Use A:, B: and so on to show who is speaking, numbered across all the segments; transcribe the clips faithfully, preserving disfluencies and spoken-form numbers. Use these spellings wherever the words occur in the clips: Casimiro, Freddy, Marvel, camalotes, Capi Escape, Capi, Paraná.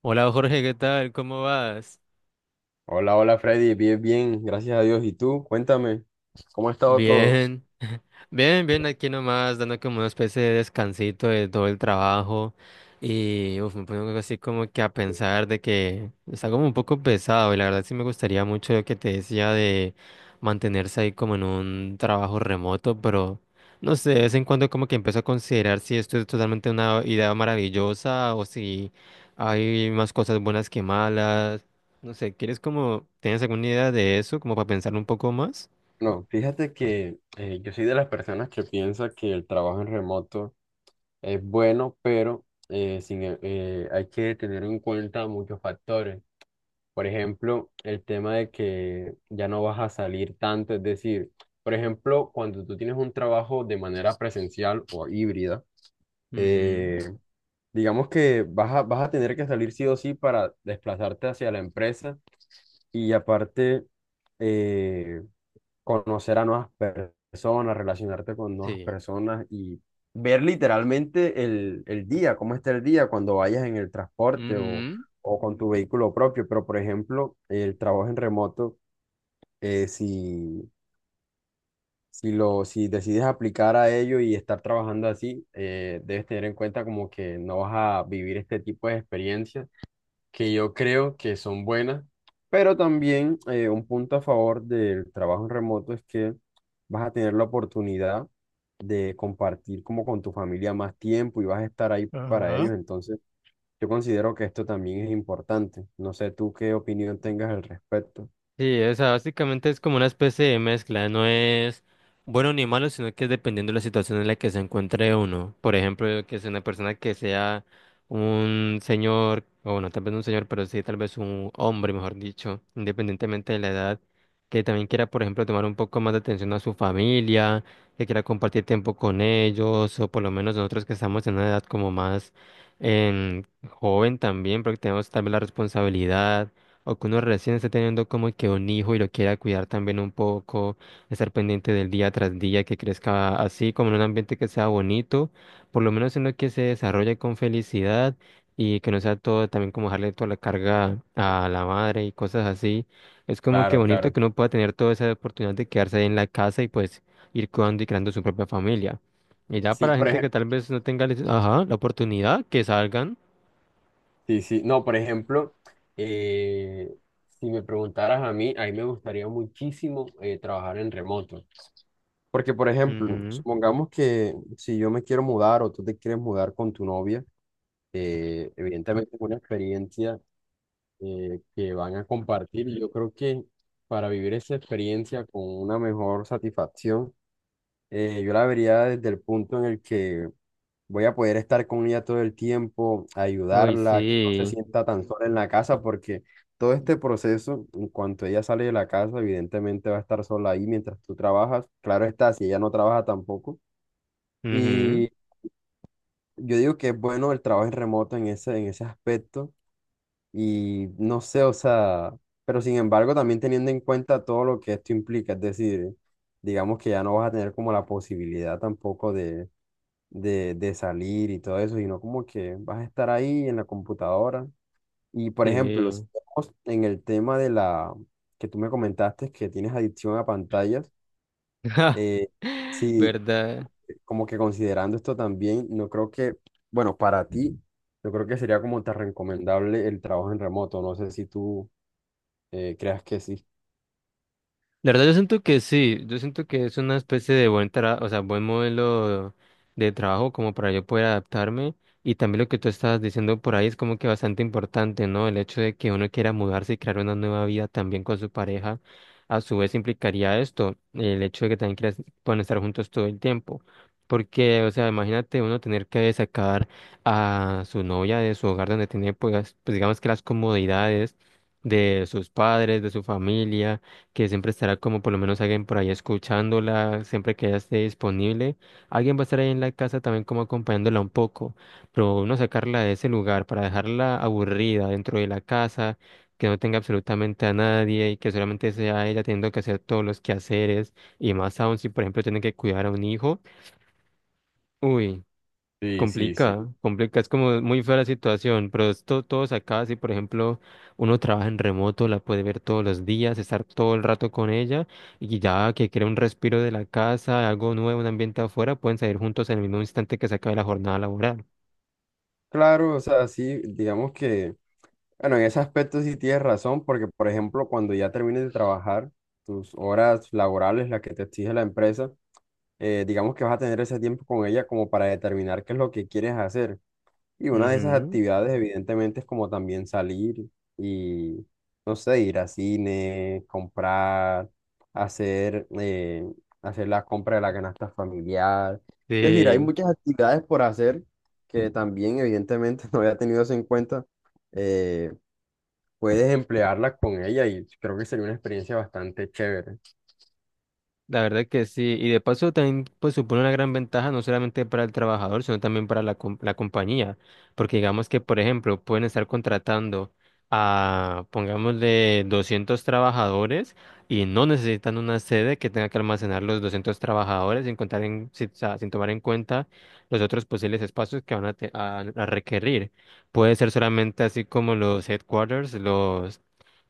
A: Hola Jorge, ¿qué tal? ¿Cómo vas?
B: Hola, hola Freddy, bien, bien, gracias a Dios. ¿Y tú? Cuéntame, ¿cómo ha estado todo?
A: Bien, bien, bien, aquí nomás, dando como una especie de descansito de todo el trabajo y uf, me pongo así como que a pensar de que está como un poco pesado y la verdad sí me gustaría mucho lo que te decía de mantenerse ahí como en un trabajo remoto, pero no sé, de vez en cuando como que empiezo a considerar si esto es totalmente una idea maravillosa o si hay más cosas buenas que malas, no sé, ¿quieres como, tienes alguna idea de eso como para pensar un poco más?
B: No, fíjate que eh, yo soy de las personas que piensa que el trabajo en remoto es bueno, pero eh, sin, e- eh, hay que tener en cuenta muchos factores. Por ejemplo, el tema de que ya no vas a salir tanto, es decir, por ejemplo, cuando tú tienes un trabajo de manera presencial o híbrida, eh, digamos que vas a, vas a tener que salir sí o sí para desplazarte hacia la empresa y aparte eh, conocer a nuevas per- personas, relacionarte con nuevas
A: Sí.
B: personas y ver literalmente el, el día, cómo está el día cuando vayas en el transporte o,
A: Ujú.
B: o con tu vehículo propio. Pero, por ejemplo, el trabajo en remoto, eh, si, si, lo, si decides aplicar a ello y estar trabajando así, eh, debes tener en cuenta como que no vas a vivir este tipo de experiencias que yo creo que son buenas, pero también eh, un punto a favor del trabajo en remoto es que vas a tener la oportunidad de compartir como con tu familia más tiempo y vas a estar ahí para
A: Ajá.
B: ellos, entonces yo considero que esto también es importante. No sé tú qué opinión tengas al respecto.
A: Sí, o sea, básicamente es como una especie de mezcla, no es bueno ni malo, sino que es dependiendo de la situación en la que se encuentre uno. Por ejemplo, que sea una persona que sea un señor, o bueno, tal vez no un señor, pero sí tal vez un hombre, mejor dicho, independientemente de la edad, que también quiera, por ejemplo, tomar un poco más de atención a su familia, que quiera compartir tiempo con ellos, o por lo menos nosotros que estamos en una edad como más em, joven también, porque tenemos también la responsabilidad. O que uno recién esté teniendo como que un hijo y lo quiera cuidar también un poco, estar pendiente del día tras día, que crezca así, como en un ambiente que sea bonito, por lo menos en lo que se desarrolle con felicidad y que no sea todo también como dejarle toda la carga a la madre y cosas así. Es como que
B: Claro,
A: bonito
B: claro.
A: que uno pueda tener toda esa oportunidad de quedarse ahí en la casa y pues ir cuidando y creando su propia familia. Y ya
B: Sí,
A: para la
B: por
A: gente que
B: ejemplo,
A: tal vez no tenga, les- ajá, la oportunidad, que salgan.
B: sí, sí. No, por ejemplo, eh, si me preguntaras a mí, a mí me gustaría muchísimo eh, trabajar en remoto. Porque, por ejemplo,
A: Ujú.
B: supongamos que si yo me quiero mudar o tú te quieres mudar con tu novia, eh, evidentemente es una experiencia eh, que van a compartir. y Yo creo que para vivir esa experiencia con una mejor satisfacción, eh, yo la vería desde el punto en el que voy a poder estar con ella todo el tiempo,
A: Uy,
B: ayudarla, que no se
A: sí.
B: sienta tan sola en la casa, porque todo este proceso, en cuanto ella sale de la casa, evidentemente va a estar sola ahí mientras tú trabajas. Claro está, si ella no trabaja tampoco.
A: Ujú.
B: Y yo digo que es bueno el trabajo en remoto en ese, en ese aspecto. Y no sé, o sea, pero sin embargo también teniendo en cuenta todo lo que esto implica, es decir, digamos que ya no vas a tener como la posibilidad tampoco de, de, de salir y todo eso, sino como que vas a estar ahí en la computadora. Y por ejemplo, si
A: Sí.
B: vemos en el tema de la que tú me comentaste que tienes adicción a pantallas, eh, sí,
A: ¿Verdad?
B: como que considerando esto también, no creo que, bueno, para ti, yo creo que sería como tan recomendable el trabajo en remoto. No sé si tú eh, creas que sí.
A: La verdad yo siento que sí, yo siento que es una especie de buen tra- o sea, buen modelo de trabajo como para yo poder adaptarme, y también lo que tú estabas diciendo por ahí es como que bastante importante, ¿no? El hecho de que uno quiera mudarse y crear una nueva vida también con su pareja, a su vez implicaría esto, el hecho de que también quieras, puedan estar juntos todo el tiempo. Porque, o sea, imagínate uno tener que sacar a su novia de su hogar donde tiene, pues, pues digamos que las comodidades de sus padres, de su familia que siempre estará como por lo menos alguien por ahí escuchándola, siempre que ella esté disponible. Alguien va a estar ahí en la casa también como acompañándola un poco, pero no sacarla de ese lugar para dejarla aburrida dentro de la casa, que no tenga absolutamente a nadie y que solamente sea ella teniendo que hacer todos los quehaceres y más aún si por ejemplo tiene que cuidar a un hijo. Uy.
B: Sí, sí, sí.
A: Complica, complica, es como muy fea la situación, pero esto todos acá, si por ejemplo uno trabaja en remoto, la puede ver todos los días, estar todo el rato con ella y ya que quiere un respiro de la casa, algo nuevo, un ambiente afuera, pueden salir juntos en el mismo instante que se acabe la jornada laboral.
B: Claro, o sea, sí, digamos que, bueno, en ese aspecto sí tienes razón, porque por ejemplo, cuando ya termines de trabajar, tus horas laborales, las que te exige la empresa, eh, digamos que vas a tener ese tiempo con ella como para determinar qué es lo que quieres hacer. Y una de esas
A: Ujú,
B: actividades, evidentemente, es como también salir y, no sé, ir a cine, comprar, hacer, eh, hacer la compra de la canasta familiar. Es decir, hay
A: sí.
B: muchas actividades por hacer que también, evidentemente, no había tenido eso en cuenta. Eh, Puedes emplearlas con ella y creo que sería una experiencia bastante chévere.
A: La verdad que sí, y de paso también pues supone una gran ventaja no solamente para el trabajador, sino también para la, com- la compañía, porque digamos que por ejemplo pueden estar contratando a pongámosle doscientos trabajadores y no necesitan una sede que tenga que almacenar los doscientos trabajadores sin contar en, si- o sea, sin tomar en cuenta los otros posibles espacios que van a, te- a- a requerir. Puede ser solamente así como los headquarters,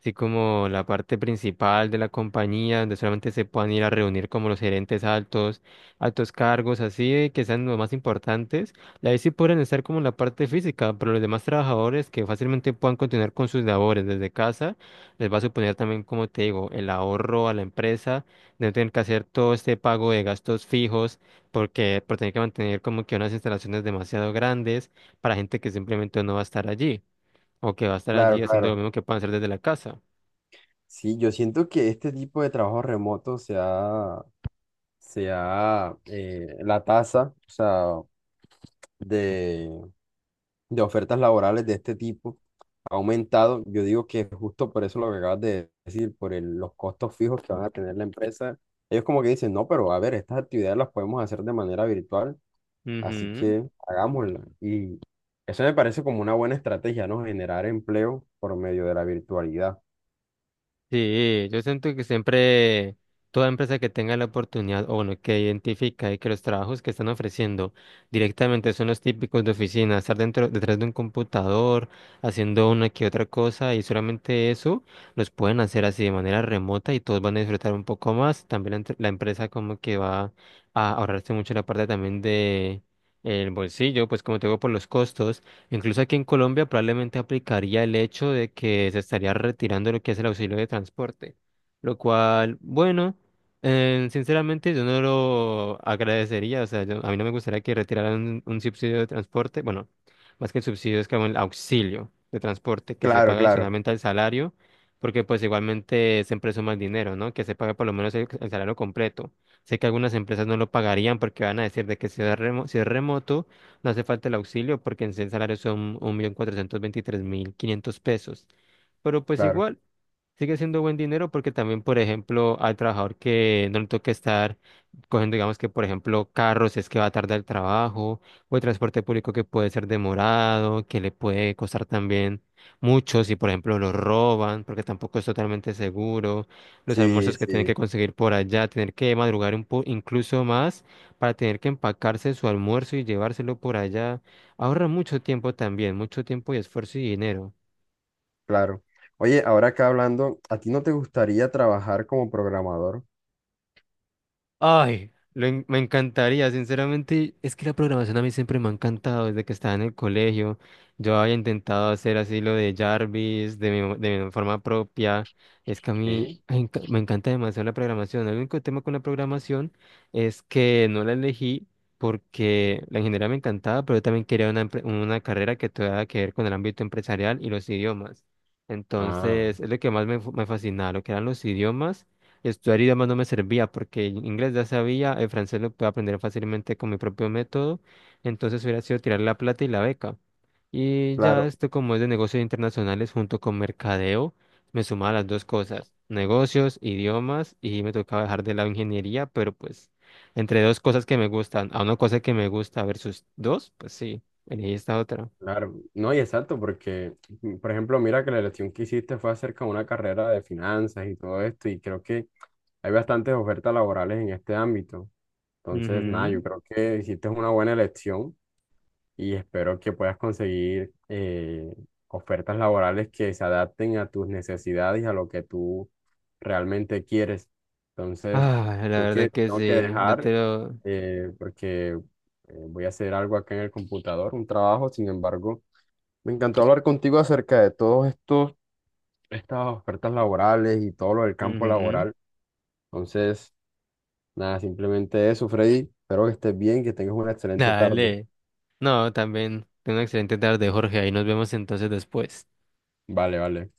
A: así como la parte principal de la compañía, donde solamente se puedan ir a reunir como los gerentes altos, altos cargos, así de que sean los más importantes. Y ahí sí pueden estar como en la parte física, pero los demás trabajadores que fácilmente puedan continuar con sus labores desde casa, les va a suponer también, como te digo, el ahorro a la empresa, de no tener que hacer todo este pago de gastos fijos, porque por tener que mantener como que unas instalaciones demasiado grandes para gente que simplemente no va a estar allí. O que va a estar
B: Claro,
A: allí haciendo
B: claro.
A: lo mismo que puedan hacer desde la casa.
B: Sí, yo siento que este tipo de trabajo remoto se ha, se ha, eh, la tasa, o sea, de, de ofertas laborales de este tipo ha aumentado. Yo digo que justo por eso lo que acabas de decir, por el- los costos fijos que van a tener la empresa, ellos como que dicen, no, pero a ver, estas actividades las podemos hacer de manera virtual, así
A: Ujú.
B: que hagámoslas. Y eso me parece como una buena estrategia, ¿no? Generar empleo por medio de la virtualidad.
A: Sí, yo siento que siempre toda empresa que tenga la oportunidad, o bueno, que identifica y que los trabajos que están ofreciendo directamente son los típicos de oficina, estar dentro, detrás de un computador, haciendo una que otra cosa, y solamente eso, los pueden hacer así de manera remota y todos van a disfrutar un poco más. También la, entre- la empresa como que va a ahorrarse mucho la parte también de el bolsillo, pues como te digo, por los costos. Incluso aquí en Colombia probablemente aplicaría el hecho de que se estaría retirando lo que es el auxilio de transporte, lo cual, bueno, eh, sinceramente yo no lo agradecería, o sea, yo- a mí no me gustaría que retiraran un, un subsidio de transporte, bueno, más que el subsidio es como el auxilio de transporte que se
B: Claro,
A: paga
B: claro,
A: adicionalmente al salario, porque pues igualmente siempre es más dinero, ¿no? Que se pague por lo menos el, el salario completo. Sé que algunas empresas no lo pagarían porque van a decir de que si es remo- si es remoto no hace falta el auxilio porque en sí el salario son un millón cuatrocientos veintitrés mil quinientos pesos. Pero pues
B: claro.
A: igual, sigue siendo buen dinero porque también, por ejemplo, al trabajador que no le toca estar cogiendo, digamos que, por ejemplo, carros si es que va tarde al trabajo o el transporte público que puede ser demorado, que le puede costar también mucho si, por ejemplo, lo roban porque tampoco es totalmente seguro, los
B: Sí,
A: almuerzos que tienen que
B: sí,
A: conseguir por allá, tener que madrugar un po incluso más para tener que empacarse su almuerzo y llevárselo por allá. Ahorra mucho tiempo también, mucho tiempo y esfuerzo y dinero.
B: claro. Oye, ahora acá hablando, ¿a ti no te gustaría trabajar como programador?
A: Ay, lo en- me encantaría, sinceramente, es que la programación a mí siempre me ha encantado desde que estaba en el colegio. Yo había intentado hacer así lo de Jarvis de mi, de mi forma propia. Es que a mí
B: Sí.
A: ay, enca- me encanta demasiado la programación. El único tema con la programación es que no la elegí porque la ingeniería me encantaba, pero yo también quería una, empre- una carrera que tuviera que ver con el ámbito empresarial y los idiomas.
B: Ah,
A: Entonces, es lo que más me, fu- me fascinaba, lo que eran los idiomas. Estudiar idiomas no me servía porque el inglés ya sabía, el francés lo puedo aprender fácilmente con mi propio método, entonces hubiera sido tirar la plata y la beca. Y ya
B: claro.
A: esto como es de negocios internacionales junto con mercadeo, me sumaba las dos cosas, negocios, idiomas y me tocaba dejar de lado ingeniería, pero pues entre dos cosas que me gustan, a una cosa que me gusta versus dos, pues sí, elegí esta otra.
B: Claro, no, y exacto, porque, mm, por ejemplo, mira que la elección que hiciste fue acerca de una carrera de finanzas y todo esto, y creo que hay bastantes ofertas laborales en este ámbito. Entonces, nada, yo
A: Ujú.
B: creo que hiciste una buena elección y espero que puedas conseguir eh, ofertas laborales que se adapten a tus necesidades y a lo que tú realmente quieres. Entonces,
A: Ah, la
B: creo que
A: verdad que
B: tengo que
A: sí, yo
B: dejar
A: te lo...
B: eh, porque eh, voy a hacer algo acá en el computador, un trabajo, sin embargo. Me encantó hablar contigo acerca de todos estos, estas ofertas laborales y todo lo del campo
A: Ujú.
B: laboral. Entonces, nada, simplemente eso, Freddy. Espero que estés bien, que tengas una excelente tarde.
A: Dale. No, también. Ten una excelente tarde, Jorge. Ahí nos vemos entonces después.
B: Vale, vale.